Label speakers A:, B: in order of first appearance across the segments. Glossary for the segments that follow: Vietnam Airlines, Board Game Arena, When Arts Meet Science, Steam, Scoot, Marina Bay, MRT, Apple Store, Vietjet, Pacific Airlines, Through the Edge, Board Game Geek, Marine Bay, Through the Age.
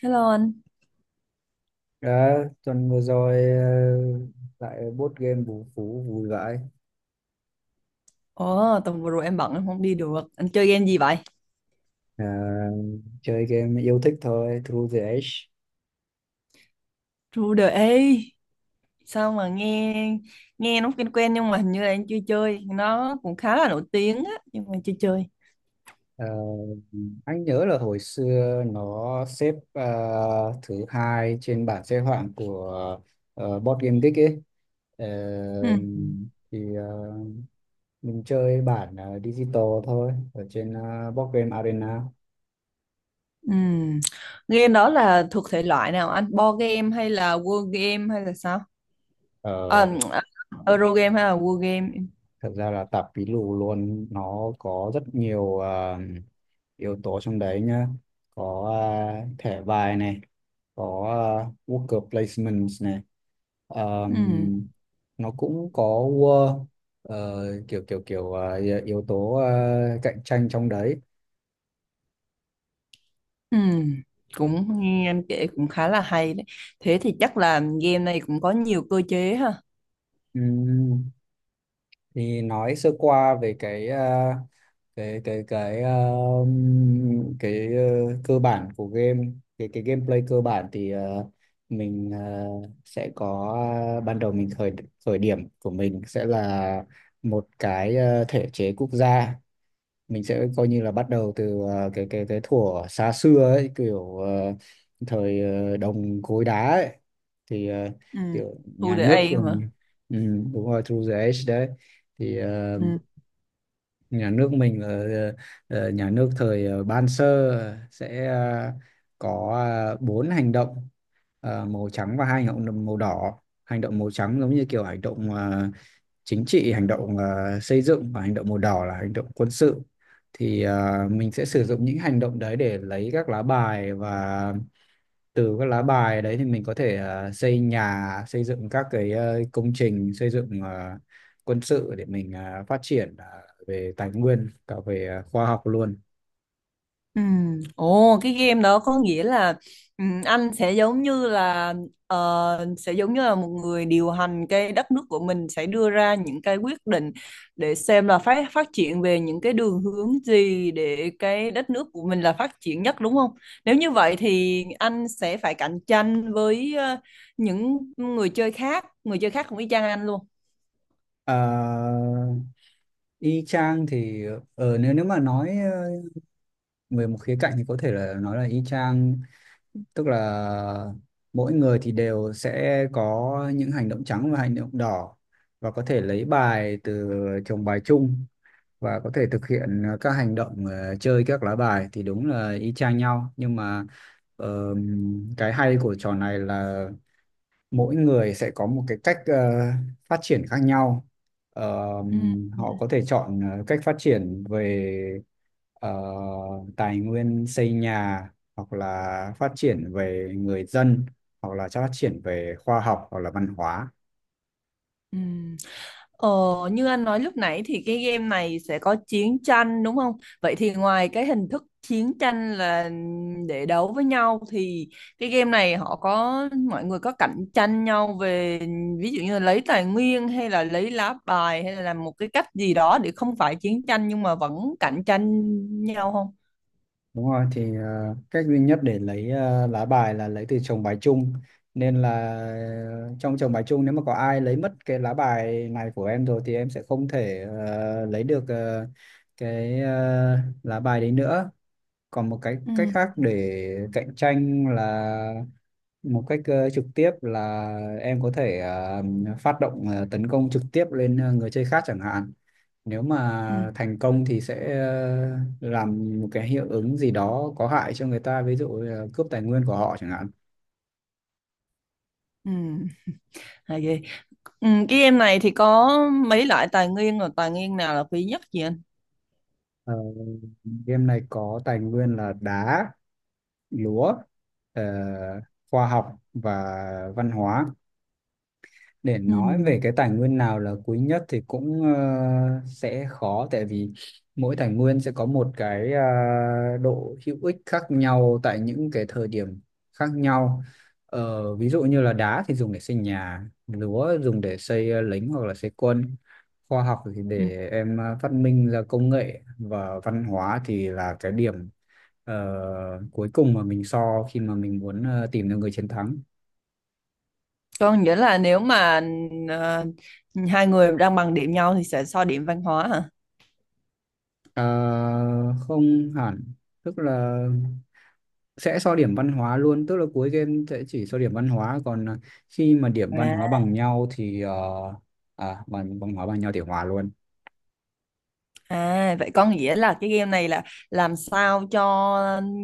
A: Hello anh.
B: Đã, tuần vừa rồi lại board game vũ phú vui vãi.
A: Ồ, tuần vừa rồi em bận em không đi được. Anh chơi game gì vậy?
B: Ờ, Chơi game yêu thích thôi, Through the Age.
A: True the A. Sao mà nghe nghe nó quen quen nhưng mà hình như là anh chưa chơi. Nó cũng khá là nổi tiếng á nhưng mà chưa chơi.
B: Ờ, anh nhớ là hồi xưa nó xếp thứ hai trên bảng xếp hạng của board game geek ấy. Ờ,
A: Ừ.
B: thì mình chơi bản digital thôi ở trên board game arena.
A: Ừ. Game đó là thuộc thể loại nào anh? Board game hay là word game hay là sao? À,
B: Ờ,
A: Euro game hay là word game?
B: Thực ra là tạp pí lù luôn, nó có rất nhiều yếu tố trong đấy nhá. Có thẻ bài này, có worker placements này.
A: Ừ.
B: Ờm, nó cũng có ờ, kiểu kiểu kiểu à, yếu tố cạnh tranh trong đấy.
A: Ừ. Cũng nghe anh kể cũng khá là hay đấy. Thế thì chắc là game này cũng có nhiều cơ chế ha.
B: Ừm, thì nói sơ qua về cái cơ bản của game, cái gameplay cơ bản thì mình sẽ có. Ban đầu, mình khởi khởi điểm của mình sẽ là một cái thể chế quốc gia. Mình sẽ coi như là bắt đầu từ cái thuở xa xưa ấy, kiểu thời đồng cối đá ấy. Thì
A: Ừ.
B: kiểu
A: True
B: nhà
A: the
B: nước của...
A: A mà.
B: Ừ, đúng rồi, through the age đấy. Thì
A: Ừ.
B: nhà nước mình là nhà nước thời Ban Sơ, sẽ có bốn hành động màu trắng và hai hành động màu đỏ. Hành động màu trắng giống như kiểu hành động chính trị, hành động xây dựng, và hành động màu đỏ là hành động quân sự. Thì mình sẽ sử dụng những hành động đấy để lấy các lá bài, và từ các lá bài đấy thì mình có thể xây nhà, xây dựng các cái công trình xây dựng quân sự, để mình phát triển về tài nguyên, cả về khoa học luôn.
A: Ừ. Ồ, cái game đó có nghĩa là anh sẽ giống như là một người điều hành cái đất nước của mình, sẽ đưa ra những cái quyết định để xem là phát phát triển về những cái đường hướng gì để cái đất nước của mình là phát triển nhất, đúng không? Nếu như vậy thì anh sẽ phải cạnh tranh với những người chơi khác cũng y chang anh luôn.
B: Ờ, Y chang thì nếu nếu mà nói về một khía cạnh thì có thể là nói là y chang, tức là mỗi người thì đều sẽ có những hành động trắng và hành động đỏ, và có thể lấy bài từ chồng bài chung, và có thể thực hiện các hành động chơi các lá bài thì đúng là y chang nhau. Nhưng mà ờ, cái hay của trò này là mỗi người sẽ có một cái cách phát triển khác nhau. Ờ,
A: Ừ. Ừ.
B: Họ có thể chọn cách phát triển về ờ, tài nguyên xây nhà, hoặc là phát triển về người dân, hoặc là phát triển về khoa học, hoặc là văn hóa.
A: Ừ. Ờ, Như anh nói lúc nãy thì cái game này sẽ có chiến tranh, đúng không? Vậy thì ngoài cái hình thức chiến tranh là để đấu với nhau thì cái game này họ có mọi người có cạnh tranh nhau về ví dụ như là lấy tài nguyên, hay là lấy lá bài, hay là làm một cái cách gì đó để không phải chiến tranh nhưng mà vẫn cạnh tranh nhau không?
B: Đúng rồi, thì cách duy nhất để lấy lá bài là lấy từ chồng bài chung, nên là trong chồng bài chung nếu mà có ai lấy mất cái lá bài này của em rồi thì em sẽ không thể lấy được cái ờ, lá bài đấy nữa. Còn một cái
A: Ừ,
B: cách khác để cạnh tranh là một cách trực tiếp, là em có thể phát động tấn công trực tiếp lên người chơi khác chẳng hạn. Nếu
A: ừ,
B: mà thành công thì sẽ làm một cái hiệu ứng gì đó có hại cho người ta, ví dụ là cướp tài nguyên của họ chẳng hạn.
A: ừ, hay ghê. Ừ, cái game này thì có mấy loại tài nguyên, rồi tài nguyên nào là quý nhất vậy anh?
B: Ờ, Game này có tài nguyên là đá, lúa, ờ, khoa học và văn hóa. Để
A: Ừ.
B: nói về cái tài nguyên nào là quý nhất thì cũng sẽ khó, tại vì mỗi tài nguyên sẽ có một cái độ hữu ích khác nhau tại những cái thời điểm khác nhau. Ví dụ như là đá thì dùng để xây nhà, lúa dùng để xây lính hoặc là xây quân, khoa học thì
A: Ừ.
B: để em phát minh ra công nghệ, và văn hóa thì là cái điểm ờ, cuối cùng mà mình so, khi mà mình muốn tìm được người chiến thắng.
A: Có nghĩa là nếu mà ờ, hai người đang bằng điểm nhau thì sẽ so điểm văn hóa hả?
B: Ờ, Không hẳn, tức là sẽ so điểm văn hóa luôn, tức là cuối game sẽ chỉ so điểm văn hóa. Còn khi mà điểm văn hóa
A: À,
B: bằng nhau thì bằng văn hóa bằng nhau thì hòa luôn,
A: à, vậy có nghĩa là cái game này là làm sao cho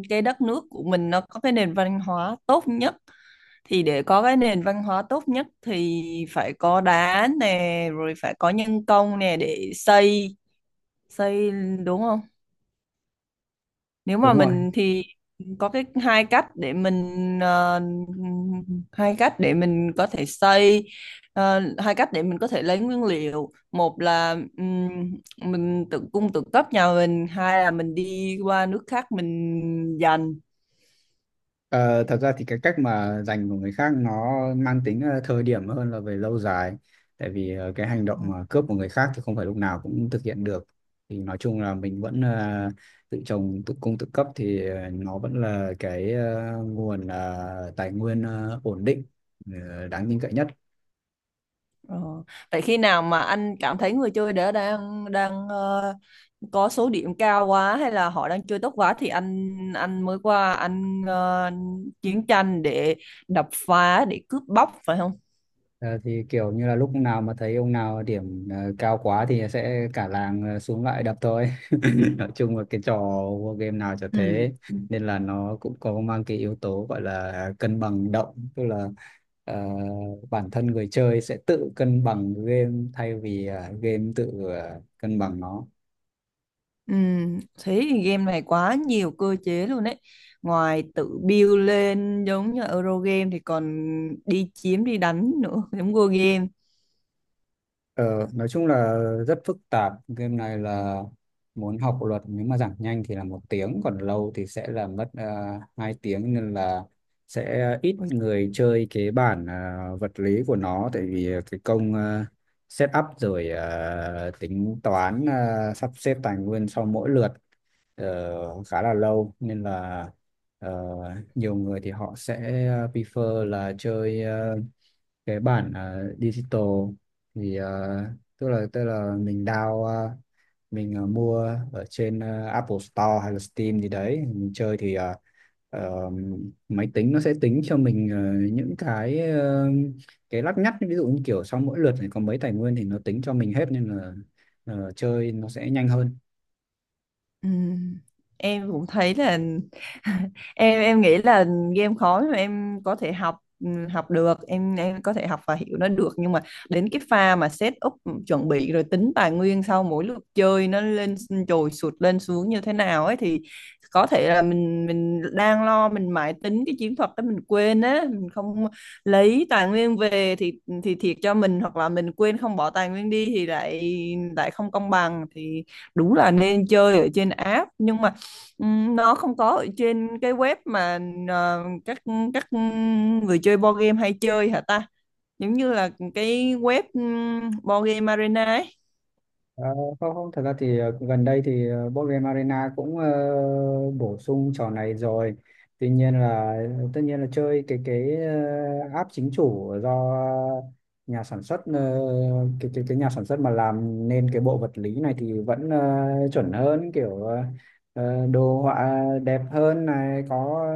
A: cái đất nước của mình nó có cái nền văn hóa tốt nhất. Thì để có cái nền văn hóa tốt nhất thì phải có đá nè, rồi phải có nhân công nè để xây đúng không? Nếu mà
B: đúng rồi.
A: mình thì có cái ờ, hai cách để mình có thể xây hai cách để mình có thể lấy nguyên liệu. Một là mình tự cung tự cấp nhà mình, hai là mình đi qua nước khác mình dành.
B: Ờ, Thật ra thì cái cách mà dành của người khác nó mang tính thời điểm hơn là về lâu dài, tại vì cái hành động mà cướp của người khác thì không phải lúc nào cũng thực hiện được. Thì nói chung là mình vẫn tự trồng tự cung tự cấp, thì nó vẫn là cái nguồn tài nguyên ổn định, đáng tin cậy nhất.
A: Ờ, Vậy khi nào mà anh cảm thấy người chơi đó đang đang ờ, có số điểm cao quá, hay là họ đang chơi tốt quá thì anh mới qua anh chiến tranh để đập phá, để cướp bóc phải không?
B: Ờ, thì kiểu như là lúc nào mà thấy ông nào điểm cao quá thì sẽ cả làng xuống lại đập thôi nói chung là cái trò war game nào chả
A: Ừ.
B: thế, nên là nó cũng có mang cái yếu tố gọi là cân bằng động, tức là ờ, bản thân người chơi sẽ tự cân bằng game thay vì game tự cân bằng nó.
A: Ừ, thế thì game này quá nhiều cơ chế luôn đấy. Ngoài tự build lên giống như euro game thì còn đi chiếm đi đánh nữa, giống Go game.
B: Ờ, nói chung là rất phức tạp, game này là muốn học luật, nếu mà giảng nhanh thì là 1 tiếng, còn lâu thì sẽ là mất 2 tiếng, nên là sẽ ít
A: Ôi.
B: người chơi cái bản vật lý của nó, tại vì cái công set up rồi tính toán sắp xếp tài nguyên sau mỗi lượt khá là lâu, nên là ờ, nhiều người thì họ sẽ prefer là chơi cái bản digital. Thì tức là mình down mình mua ở trên Apple Store hay là Steam gì đấy mình chơi, thì ờ, máy tính nó sẽ tính cho mình những cái cái lắt nhắt, ví dụ như kiểu sau mỗi lượt này có mấy tài nguyên thì nó tính cho mình hết, nên là chơi nó sẽ nhanh hơn.
A: Ừ. Em cũng thấy là em nghĩ là game khó nhưng mà em có thể học được, em có thể học và hiểu nó được nhưng mà đến cái pha mà set up chuẩn bị rồi tính tài nguyên sau mỗi lượt chơi, nó lên trồi sụt lên xuống như thế nào ấy, thì có thể là mình đang lo mình mãi tính cái chiến thuật đó, mình quên á, mình không lấy tài nguyên về thì thiệt cho mình, hoặc là mình quên không bỏ tài nguyên đi thì lại lại không công bằng, thì đúng là nên chơi ở trên app, nhưng mà nó không có ở trên cái web mà ờ, các các người chơi board game hay chơi hả ta, giống như là cái web board game arena ấy.
B: Ờ, Không, không, thật ra thì gần đây thì board game arena cũng bổ sung trò này rồi. Tuy nhiên là tất nhiên là chơi cái app chính chủ do nhà sản xuất, cái nhà sản xuất mà làm nên cái bộ vật lý này thì vẫn chuẩn hơn, kiểu đồ họa đẹp hơn này, có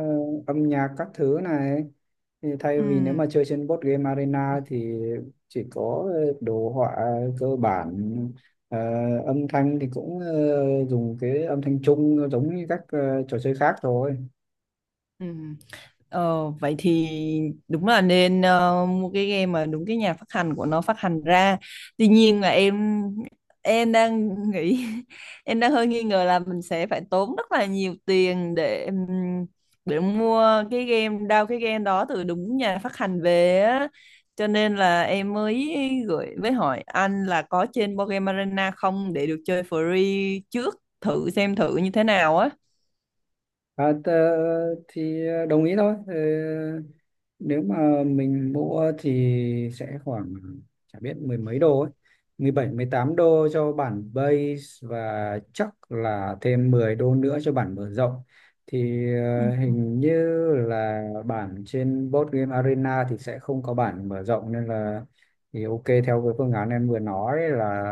B: âm nhạc các thứ này, thì thay
A: Ừ.
B: vì nếu mà chơi trên board game arena thì chỉ có đồ họa cơ bản. Ờ, Âm thanh thì cũng dùng cái âm thanh chung giống như các trò chơi khác thôi.
A: Ừ. Vậy thì đúng là nên mua cái game mà đúng cái nhà phát hành của nó phát hành ra. Tuy nhiên là em đang nghĩ em đang hơi nghi ngờ là mình sẽ phải tốn rất là nhiều tiền để mua cái game đó từ đúng nhà phát hành về á. Cho nên là em mới gửi với hỏi anh là có trên Board Game Arena không, để được chơi free trước, thử xem thử như thế nào á.
B: À, thì đồng ý thôi. Ờ, Nếu mà mình mua thì sẽ khoảng, chả biết, mười mấy đô ấy. 17-18 đô cho bản base, và chắc là thêm 10 đô nữa cho bản mở rộng. Thì hình như là bản trên Board Game Arena thì sẽ không có bản mở rộng, nên là thì ok theo cái phương án em vừa nói là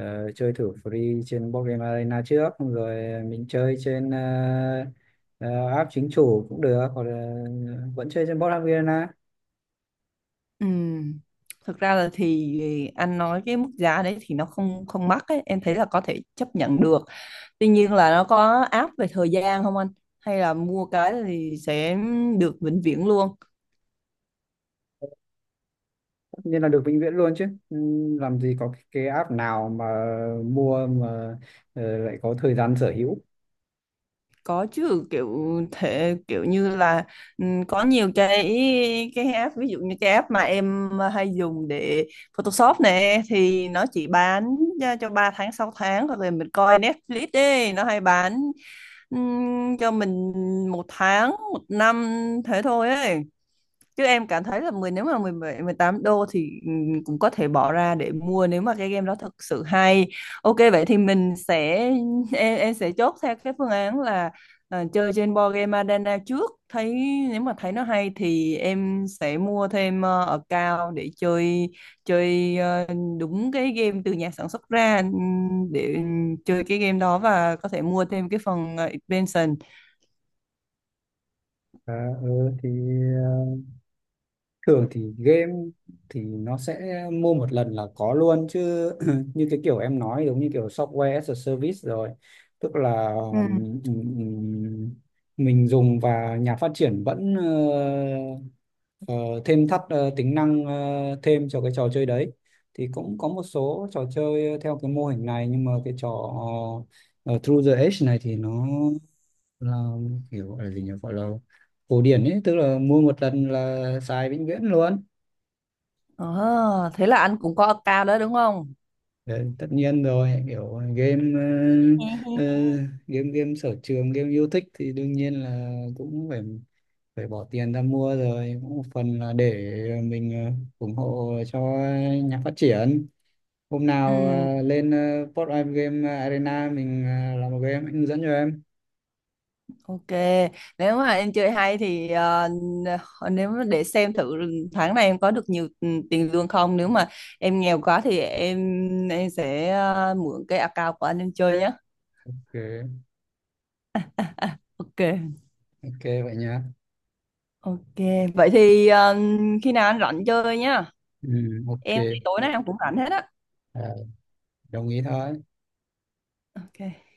B: Chơi thử free trên board game arena trước, rồi mình chơi trên ờ, app chính chủ cũng được, hoặc là vẫn chơi trên board game arena.
A: Ừm, Thực ra là thì anh nói cái mức giá đấy thì nó không không mắc ấy, em thấy là có thể chấp nhận được. Tuy nhiên là nó có áp về thời gian không anh? Hay là mua cái thì sẽ được vĩnh viễn luôn?
B: Tất nhiên là được vĩnh viễn luôn chứ. Ừ, làm gì có cái app nào mà mua mà lại có thời gian sở hữu.
A: Có chứ, kiểu như là có nhiều cái app, ví dụ như cái app mà em hay dùng để Photoshop nè thì nó chỉ bán ra cho 3 tháng 6 tháng, hoặc là mình coi Netflix ấy nó hay bán cho mình một tháng một năm, thế thôi ấy, chứ em cảm thấy là nếu mà 17 18 đô thì cũng có thể bỏ ra để mua nếu mà cái game đó thật sự hay. Ok vậy thì mình sẽ em sẽ chốt theo cái phương án là chơi trên board game Arena trước, nếu mà thấy nó hay thì em sẽ mua thêm account để chơi chơi ờ, đúng cái game từ nhà sản xuất ra, để chơi cái game đó và có thể mua thêm cái phần expansion.
B: À, ừ, thì ờ, thường thì game thì nó sẽ mua một lần là có luôn chứ như cái kiểu em nói, giống như kiểu software as a service rồi. Tức là
A: Ừ.
B: mình dùng và nhà phát triển vẫn ờ, thêm thắt tính năng thêm cho cái trò chơi đấy. Thì cũng có một số trò chơi theo cái mô hình này, nhưng mà cái trò ờ, Through the Edge này thì nó là kiểu, gọi là gì nhỉ, gọi là cổ điển ấy, tức là mua một lần là xài vĩnh viễn luôn.
A: Ờ, Thế là anh cũng có account đó đúng không?
B: Đấy, tất nhiên rồi, kiểu game ờ, ờ, game game sở trường, game yêu thích thì đương nhiên là cũng phải phải bỏ tiền ra mua rồi, cũng một phần là để mình ủng hộ cho nhà phát triển. Hôm nào
A: Ừ,
B: lên Port of Game Arena, mình làm một game, anh hướng dẫn cho em.
A: ok. Nếu mà em chơi hay thì nếu mà để xem thử tháng này em có được nhiều tiền lương không. Nếu mà em nghèo quá thì em sẽ mượn cái account của anh em chơi nhé.
B: Ok,
A: Ok.
B: ok vậy nhá.
A: Ok. Vậy thì khi nào anh rảnh chơi nhá.
B: Ừ,
A: Em thì
B: ok.
A: tối nay em cũng rảnh hết á.
B: Ờ, Đồng ý thôi.
A: Ok.